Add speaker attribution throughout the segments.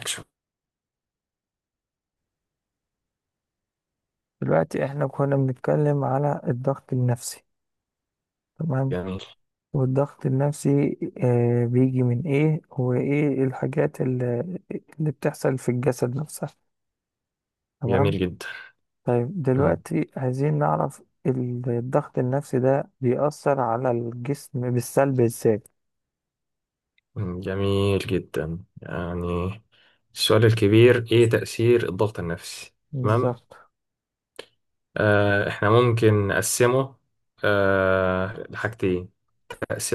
Speaker 1: أكشن.
Speaker 2: دلوقتي احنا كنا بنتكلم على الضغط النفسي. تمام.
Speaker 1: جميل
Speaker 2: والضغط النفسي بيجي من ايه وايه الحاجات اللي بتحصل في الجسد نفسها. تمام.
Speaker 1: جميل جدا.
Speaker 2: طيب
Speaker 1: مم.
Speaker 2: دلوقتي عايزين نعرف الضغط النفسي ده بيأثر على الجسم بالسلب ازاي؟
Speaker 1: جميل جدا، يعني السؤال الكبير إيه تأثير الضغط النفسي؟ تمام.
Speaker 2: بالظبط.
Speaker 1: إحنا ممكن نقسمه لحاجتين،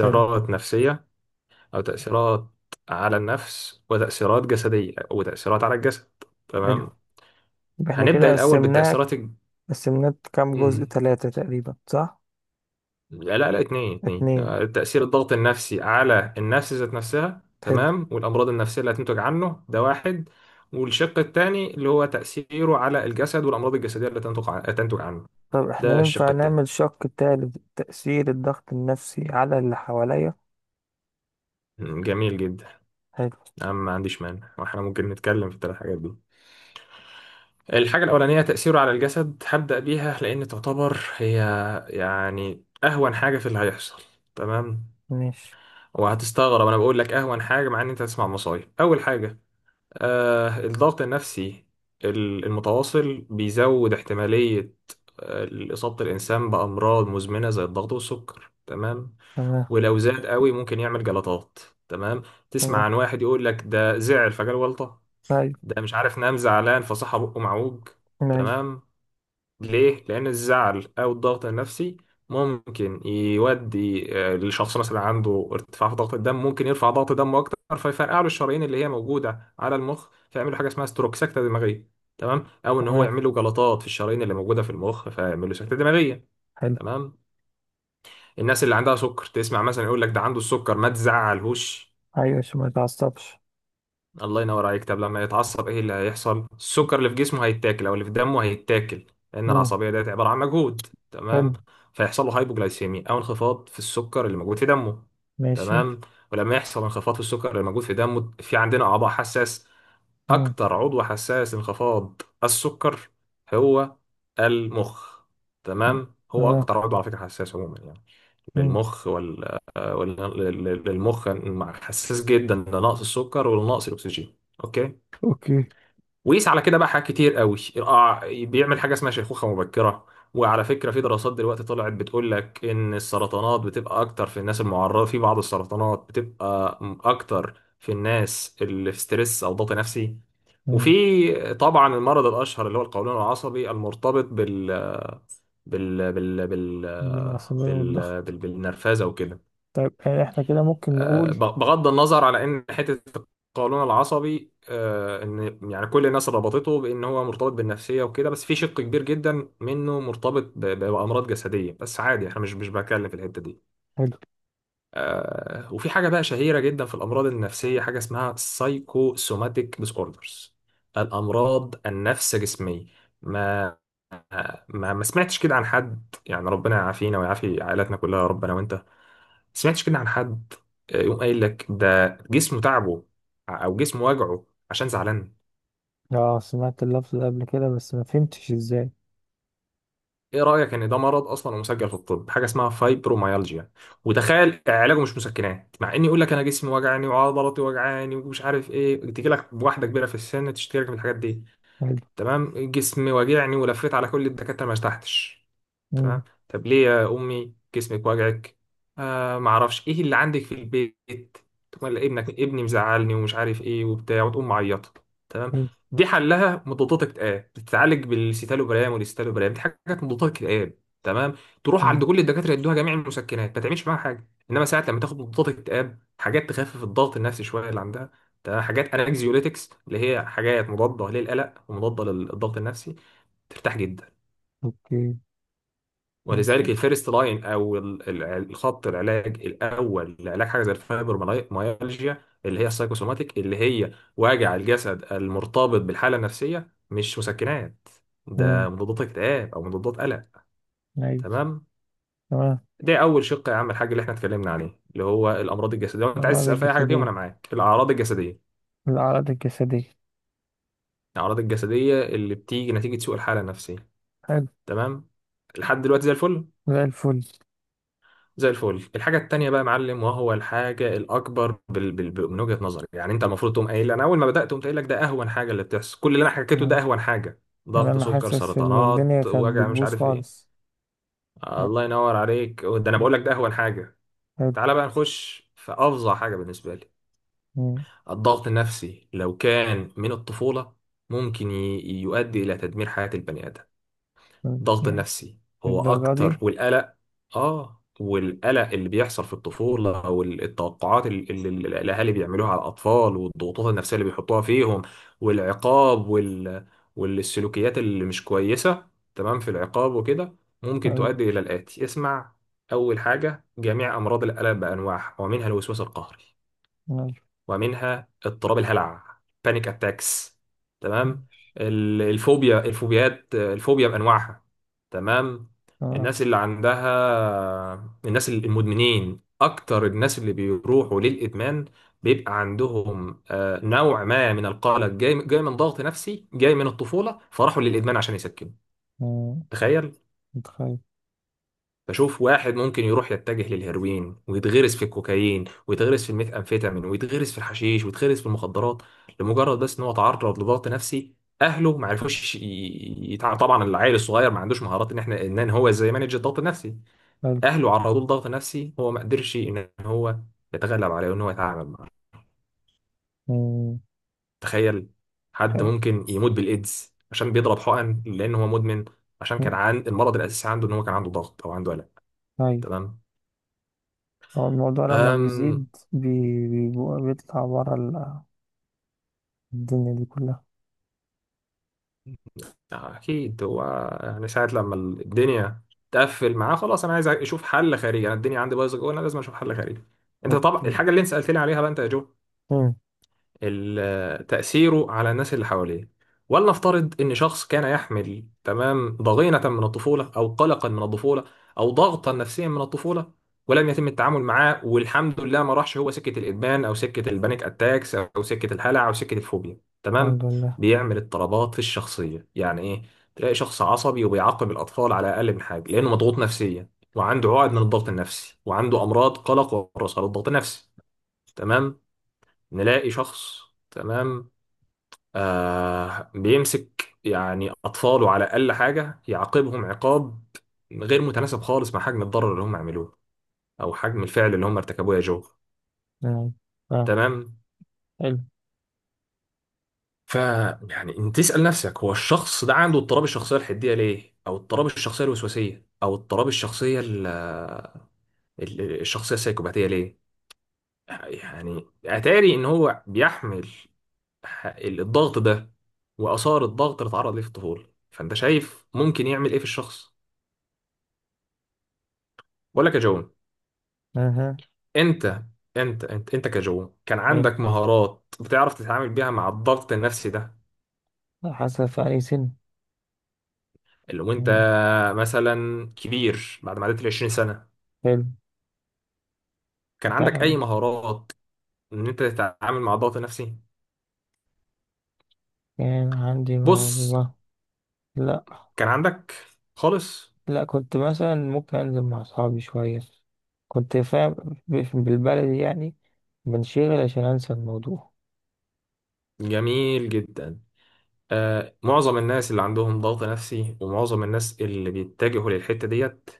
Speaker 2: حلو.
Speaker 1: نفسية أو تأثيرات على النفس وتأثيرات جسدية وتأثيرات على الجسد.
Speaker 2: حلو،
Speaker 1: تمام.
Speaker 2: يبقى احنا
Speaker 1: هنبدأ
Speaker 2: كده
Speaker 1: الأول
Speaker 2: قسمناه.
Speaker 1: بالتأثيرات
Speaker 2: قسمناه كام جزء؟
Speaker 1: الج...
Speaker 2: ثلاثة تقريبا، صح؟
Speaker 1: لا لا، اتنين اتنين،
Speaker 2: اتنين.
Speaker 1: تأثير الضغط النفسي على النفس ذات نفسها،
Speaker 2: حلو.
Speaker 1: تمام، والأمراض النفسية اللي هتنتج عنه ده واحد. والشق التاني اللي هو تأثيره على الجسد والأمراض الجسدية اللي تنتج تنتج عنه.
Speaker 2: طب احنا
Speaker 1: ده الشق
Speaker 2: ينفع
Speaker 1: التاني.
Speaker 2: نعمل شق تالت، تأثير الضغط النفسي على اللي حواليا؟
Speaker 1: جميل جدا.
Speaker 2: حلو.
Speaker 1: أنا ما عنديش مانع، واحنا ممكن نتكلم في الثلاث حاجات دي. الحاجة الأولانية تأثيره على الجسد، هبدأ بيها لأن تعتبر هي يعني أهون حاجة في اللي هيحصل. تمام.
Speaker 2: ماشي.
Speaker 1: وهتستغرب أنا بقول لك أهون حاجة مع إن أنت هتسمع مصايب أول حاجة. الضغط النفسي المتواصل بيزود احتمالية آه، إصابة الإنسان بأمراض مزمنة زي الضغط والسكر. تمام.
Speaker 2: تمام.
Speaker 1: ولو زاد قوي ممكن يعمل جلطات. تمام. تسمع
Speaker 2: تمام.
Speaker 1: عن واحد يقول لك ده زعل فجاله جلطة،
Speaker 2: أيوة.
Speaker 1: ده مش عارف نام زعلان فصحى بقه معوج.
Speaker 2: أيوة.
Speaker 1: تمام. ليه؟ لأن الزعل أو الضغط النفسي ممكن يودي لشخص مثلا عنده ارتفاع في ضغط الدم، ممكن يرفع ضغط دمه أكتر فيفرقع له الشرايين اللي هي موجودة على المخ، فيعمل له حاجة اسمها ستروك، سكتة دماغية. تمام؟ أو إن هو
Speaker 2: تمام.
Speaker 1: يعمل له جلطات في الشرايين اللي موجودة في المخ فيعمل له سكتة دماغية.
Speaker 2: حلو.
Speaker 1: تمام؟ الناس اللي عندها سكر، تسمع مثلا يقول لك ده عنده السكر ما تزعلهوش.
Speaker 2: أيوة، عشان ما يتعصبش.
Speaker 1: الله ينور عليك. طب لما يتعصب ايه اللي هيحصل؟ السكر اللي في جسمه هيتاكل او اللي في دمه هيتاكل، لان
Speaker 2: مم.
Speaker 1: العصبيه ديت عباره عن مجهود.
Speaker 2: حلو.
Speaker 1: تمام. فيحصل له هايبوجلايسيميا او انخفاض في السكر اللي موجود في دمه.
Speaker 2: ماشي.
Speaker 1: تمام. ولما يحصل انخفاض في السكر اللي موجود في دمه، في عندنا اعضاء حساس.
Speaker 2: مم.
Speaker 1: اكتر عضو حساس انخفاض السكر هو المخ.
Speaker 2: مم.
Speaker 1: تمام. هو
Speaker 2: تمام.
Speaker 1: اكتر عضو على فكره حساس عموما يعني.
Speaker 2: مم.
Speaker 1: للمخ ولا للمخ حساس جدا لنقص السكر ولنقص الاكسجين. اوكي.
Speaker 2: أوكي.
Speaker 1: ويقيس على كده بقى حاجات كتير قوي. بيعمل حاجه اسمها شيخوخه مبكره. وعلى فكره في دراسات دلوقتي طلعت بتقول لك ان السرطانات بتبقى اكتر في الناس المعرضه، في بعض السرطانات بتبقى اكتر في الناس اللي في ستريس او ضغط نفسي.
Speaker 2: مم.
Speaker 1: وفي طبعا المرض الاشهر اللي هو القولون العصبي المرتبط بال بال بال بال,
Speaker 2: بالعصبية
Speaker 1: بال...
Speaker 2: والضغط.
Speaker 1: بال... بالنرفزه وكده.
Speaker 2: طيب، احنا كده ممكن نقول.
Speaker 1: بغض النظر على ان حته القولون العصبي، ان يعني كل الناس ربطته بان هو مرتبط بالنفسيه وكده، بس في شق كبير جدا منه مرتبط بامراض جسديه، بس عادي احنا مش بتكلم في الحته دي.
Speaker 2: حلو.
Speaker 1: وفي حاجه بقى شهيره جدا في الامراض النفسيه حاجه اسمها سايكوسوماتيك ديسوردرز، الامراض النفس جسميه. ما ما سمعتش كده عن حد؟ يعني ربنا يعافينا ويعافي عائلاتنا كلها يا رب، انا وانت. سمعتش كده عن حد يقوم قايل لك ده جسمه تعبه او جسمه وجعه عشان زعلان؟
Speaker 2: اه، سمعت اللفظ ده قبل كده بس ما فهمتش ازاي.
Speaker 1: ايه رأيك ان ده مرض اصلا ومسجل في الطب حاجة اسمها فايبروميالجيا؟ وتخيل علاجه مش مسكنات، مع اني يقول لك انا جسمي وجعني وعضلاتي وجعاني ومش عارف ايه، تجي لك بواحدة كبيرة في السن تشتكي لك من الحاجات دي.
Speaker 2: حلو.
Speaker 1: تمام. جسمي وجعني ولفيت على كل الدكاترة ما ارتحتش.
Speaker 2: مم.
Speaker 1: تمام. طب ليه يا امي جسمك وجعك؟ ما اعرفش. ايه اللي عندك في البيت؟ تقوم قايلة ابنك، ابني مزعلني ومش عارف ايه وبتاع، وتقوم معيطه. تمام.
Speaker 2: حلو.
Speaker 1: دي حلها مضادات اكتئاب، بتتعالج بالسيتالوبرام والاستالوبرام، دي حاجات مضادات اكتئاب. تمام. تروح
Speaker 2: مم.
Speaker 1: عند كل الدكاتره يدوها جميع المسكنات ما تعملش معاها حاجه، انما ساعات لما تاخد مضادات اكتئاب حاجات تخفف الضغط النفسي شويه اللي عندها. تمام. حاجات انكزيوليتكس اللي هي حاجات مضاده للالم ومضادة للضغط النفسي، ترتاح جدا.
Speaker 2: أوكي.
Speaker 1: ولذلك
Speaker 2: فهمت.
Speaker 1: الفيرست لاين او الخط العلاج الاول لعلاج حاجه زي الفايبروميالجيا اللي هي السايكوسوماتيك، اللي هي وجع الجسد المرتبط بالحاله النفسيه، مش مسكنات.
Speaker 2: مم.
Speaker 1: ده مضادات اكتئاب او مضادات قلق.
Speaker 2: أيوة.
Speaker 1: تمام.
Speaker 2: تمام.
Speaker 1: ده اول شق يا عم الحاج اللي احنا اتكلمنا عليه، اللي هو الامراض الجسديه. لو انت عايز
Speaker 2: الأمراض
Speaker 1: تسال في اي حاجه فيهم انا
Speaker 2: الجسدية.
Speaker 1: معاك، الاعراض الجسديه،
Speaker 2: الأعراض الجسدية.
Speaker 1: الاعراض الجسديه اللي بتيجي نتيجه سوء الحاله النفسيه.
Speaker 2: حلو.
Speaker 1: تمام. لحد دلوقتي زي الفل.
Speaker 2: زي الفل.
Speaker 1: زي الفل. الحاجة التانية بقى يا معلم، وهو الحاجة الأكبر من وجهة نظري، يعني أنت المفروض تقوم قايل أنا أول ما بدأت قمت قايل لك ده أهون حاجة اللي بتحصل، كل اللي أنا حكيته
Speaker 2: مم.
Speaker 1: ده أهون حاجة.
Speaker 2: يعني
Speaker 1: ضغط،
Speaker 2: أنا
Speaker 1: سكر،
Speaker 2: حاسس إن الدنيا
Speaker 1: سرطانات،
Speaker 2: كانت
Speaker 1: وجع، مش
Speaker 2: بتبوظ
Speaker 1: عارف إيه.
Speaker 2: خالص.
Speaker 1: الله ينور عليك. ده أنا
Speaker 2: مم.
Speaker 1: بقول لك ده أهون حاجة.
Speaker 2: حلو.
Speaker 1: تعالى بقى نخش في أفظع حاجة بالنسبة لي.
Speaker 2: مم.
Speaker 1: الضغط النفسي لو كان من الطفولة ممكن يؤدي إلى تدمير حياة البني آدم.
Speaker 2: مم.
Speaker 1: الضغط
Speaker 2: يعني
Speaker 1: النفسي هو
Speaker 2: للدرجة دي.
Speaker 1: اكتر، والقلق. اه والقلق اللي بيحصل في الطفوله، او التوقعات الاهالي بيعملوها على الاطفال، والضغوطات النفسيه اللي بيحطوها فيهم، والعقاب والسلوكيات اللي مش كويسه. تمام. في العقاب وكده ممكن
Speaker 2: حلو.
Speaker 1: تؤدي الى الاتي، اسمع. اول حاجه جميع امراض القلق بانواعها، ومنها الوسواس القهري،
Speaker 2: ماشي.
Speaker 1: ومنها اضطراب الهلع، بانيك اتاكس. تمام.
Speaker 2: ماشي.
Speaker 1: الفوبيا، الفوبيات، الفوبيا بانواعها. تمام.
Speaker 2: تمام.
Speaker 1: الناس اللي عندها، الناس المدمنين اكتر الناس اللي بيروحوا للادمان بيبقى عندهم نوع ما من القلق، جاي من ضغط نفسي جاي من الطفولة، فراحوا للادمان عشان يسكنوا.
Speaker 2: مم.
Speaker 1: تخيل.
Speaker 2: متخيل.
Speaker 1: بشوف واحد ممكن يروح يتجه للهيروين ويتغرس في الكوكايين ويتغرس في الميثامفيتامين ويتغرس في الحشيش ويتغرس في المخدرات لمجرد بس ان هو تعرض لضغط نفسي. اهله ما عرفوش طبعا العيل الصغير ما عندوش مهارات ان احنا ان هو ازاي يمانج الضغط النفسي.
Speaker 2: حلو.
Speaker 1: اهله عرضوه لضغط نفسي، هو ما قدرش ان هو يتغلب عليه وان هو يتعامل معاه.
Speaker 2: مم.
Speaker 1: تخيل. حد
Speaker 2: حلو.
Speaker 1: ممكن يموت بالايدز عشان بيضرب حقن لان هو مدمن، عشان كان
Speaker 2: مم.
Speaker 1: عن المرض الاساسي عنده ان هو كان عنده ضغط او عنده قلق.
Speaker 2: أيوة.
Speaker 1: تمام.
Speaker 2: هو الموضوع لما بيزيد
Speaker 1: أمم
Speaker 2: بيطلع برا الدنيا دي كلها.
Speaker 1: اكيد هو يعني ساعه لما الدنيا تقفل معاه خلاص، انا عايز اشوف حل خارجي، انا الدنيا عندي بايظه جوه انا لازم اشوف حل خارجي. انت طبعا
Speaker 2: أوكي.
Speaker 1: الحاجه اللي انت سالت لي عليها بقى انت يا جو،
Speaker 2: مم.
Speaker 1: تأثيره على الناس اللي حواليه. ولنفترض إن شخص كان يحمل، تمام، ضغينة من الطفولة أو قلقا من الطفولة أو ضغطا نفسيا من الطفولة، ولم يتم التعامل معاه، والحمد لله ما راحش هو سكة الإدمان أو سكة البانيك أتاكس أو سكة الهلع أو سكة الفوبيا.
Speaker 2: الحمد
Speaker 1: تمام.
Speaker 2: لله.
Speaker 1: بيعمل اضطرابات في الشخصية. يعني إيه؟ تلاقي شخص عصبي وبيعاقب الأطفال على أقل من حاجة لأنه مضغوط نفسيا وعنده عقد من الضغط النفسي وعنده أمراض قلق وراثة للضغط النفسي. تمام. نلاقي شخص، تمام، بيمسك يعني أطفاله على أقل حاجة يعاقبهم عقاب غير متناسب خالص مع حجم الضرر اللي هم عملوه أو حجم الفعل اللي هم ارتكبوه، يا جو.
Speaker 2: نعم. آه.
Speaker 1: تمام.
Speaker 2: حلو.
Speaker 1: ف يعني انت تسأل نفسك هو الشخص ده عنده اضطراب الشخصية الحدية ليه، او اضطراب الشخصية الوسواسية، او اضطراب الشخصية الشخصية السايكوباتية ليه؟ يعني اتاري ان هو بيحمل الضغط ده واثار الضغط اللي اتعرض ليه في الطفوله، فانت شايف ممكن يعمل ايه في الشخص ولا كجون؟
Speaker 2: أها.
Speaker 1: انت انت كجون كان
Speaker 2: حلو.
Speaker 1: عندك مهارات بتعرف تتعامل بيها مع الضغط النفسي ده.
Speaker 2: حاسة في أي سن.
Speaker 1: اللي وانت
Speaker 2: مم.
Speaker 1: مثلا كبير بعد ما عديت ال 20 سنه،
Speaker 2: حلو.
Speaker 1: كان عندك
Speaker 2: تع-
Speaker 1: اي مهارات ان انت تتعامل مع الضغط النفسي؟
Speaker 2: كان عندي
Speaker 1: بص،
Speaker 2: موهبة. لا.
Speaker 1: كان عندك خالص.
Speaker 2: لا، كنت مثلا ممكن أنزل مع أصحابي شوية. كنت فاهم بالبلدي يعني. بنشغل عشان أنسى الموضوع.
Speaker 1: جميل جدا. معظم الناس اللي عندهم ضغط نفسي ومعظم الناس اللي بيتجهوا للحتة ديت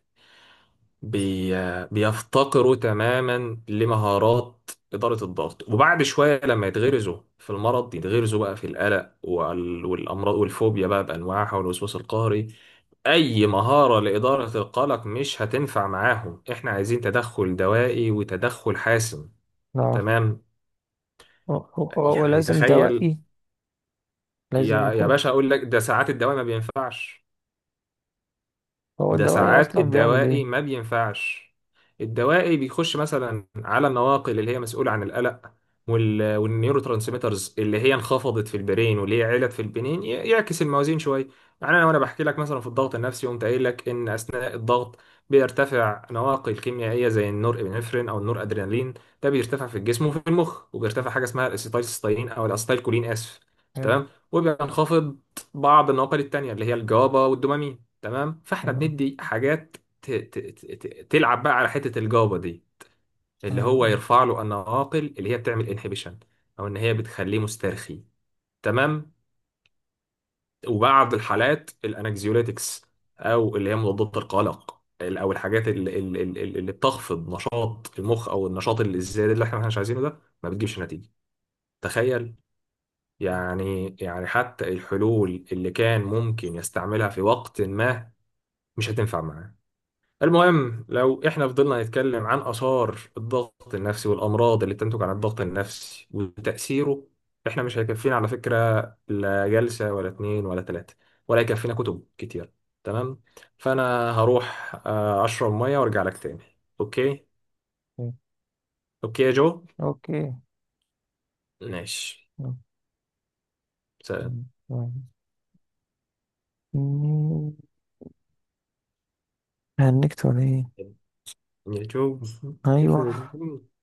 Speaker 1: بي... بيفتقروا تماما لمهارات إدارة الضغط. وبعد شوية لما يتغرزوا في المرض يتغرزوا بقى في القلق والأمراض والفوبيا بقى بأنواعها والوسواس القهري، أي مهارة لإدارة القلق مش هتنفع معاهم، إحنا عايزين تدخل دوائي وتدخل حاسم.
Speaker 2: آه.
Speaker 1: تمام.
Speaker 2: و- و-
Speaker 1: يعني
Speaker 2: ولازم
Speaker 1: تخيل
Speaker 2: دوائي. لازم
Speaker 1: يا يا
Speaker 2: يكون.
Speaker 1: باشا، أقول لك ده ساعات الدواء ما بينفعش.
Speaker 2: هو
Speaker 1: ده
Speaker 2: الدوائي
Speaker 1: ساعات
Speaker 2: أصلا بيعمل
Speaker 1: الدوائي ما
Speaker 2: إيه؟
Speaker 1: بينفعش. الدوائي بيخش مثلا على النواقل اللي هي مسؤولة عن القلق والنيورو ترانسميترز اللي هي انخفضت في البرين واللي هي علت في البنين، يعكس الموازين شوية. يعني انا، وانا بحكي لك مثلا في الضغط النفسي قمت قايل لك ان اثناء الضغط بيرتفع نواقل كيميائية زي النور ابنفرين او النور ادرينالين، ده بيرتفع في الجسم وفي المخ. وبيرتفع حاجة اسمها الاسيتايلسيستاين او الاسيتايلكولين، اسف.
Speaker 2: حلو.
Speaker 1: تمام. وبينخفض بعض النواقل التانية اللي هي الجابا والدوبامين. تمام. فاحنا
Speaker 2: تمام.
Speaker 1: بندي حاجات تلعب بقى على حتة الجابة دي، اللي هو
Speaker 2: أيوه.
Speaker 1: يرفع له النواقل اللي هي بتعمل انهبيشن او ان هي بتخليه مسترخي. تمام. وبعض الحالات الانكزيوليتكس او اللي هي مضادات القلق، او الحاجات اللي بتخفض نشاط المخ او النشاط الزياده اللي احنا مش عايزينه ده، ما بتجيبش نتيجه. تخيل. يعني يعني حتى الحلول اللي كان ممكن يستعملها في وقت ما مش هتنفع معاه. المهم، لو احنا فضلنا نتكلم عن آثار الضغط النفسي والأمراض اللي تنتج عن الضغط النفسي وتأثيره، احنا مش هيكفينا على فكرة لا جلسة ولا اتنين ولا تلاتة، ولا هيكفينا كتب كتير. تمام. فأنا هروح أشرب مية وأرجع لك تاني. أوكي.
Speaker 2: أيوه.
Speaker 1: أوكي يا جو.
Speaker 2: أوكي.
Speaker 1: ماشي. سلام.
Speaker 2: أوكي. هنكت ولا إيه؟
Speaker 1: يا جو.
Speaker 2: أيوه.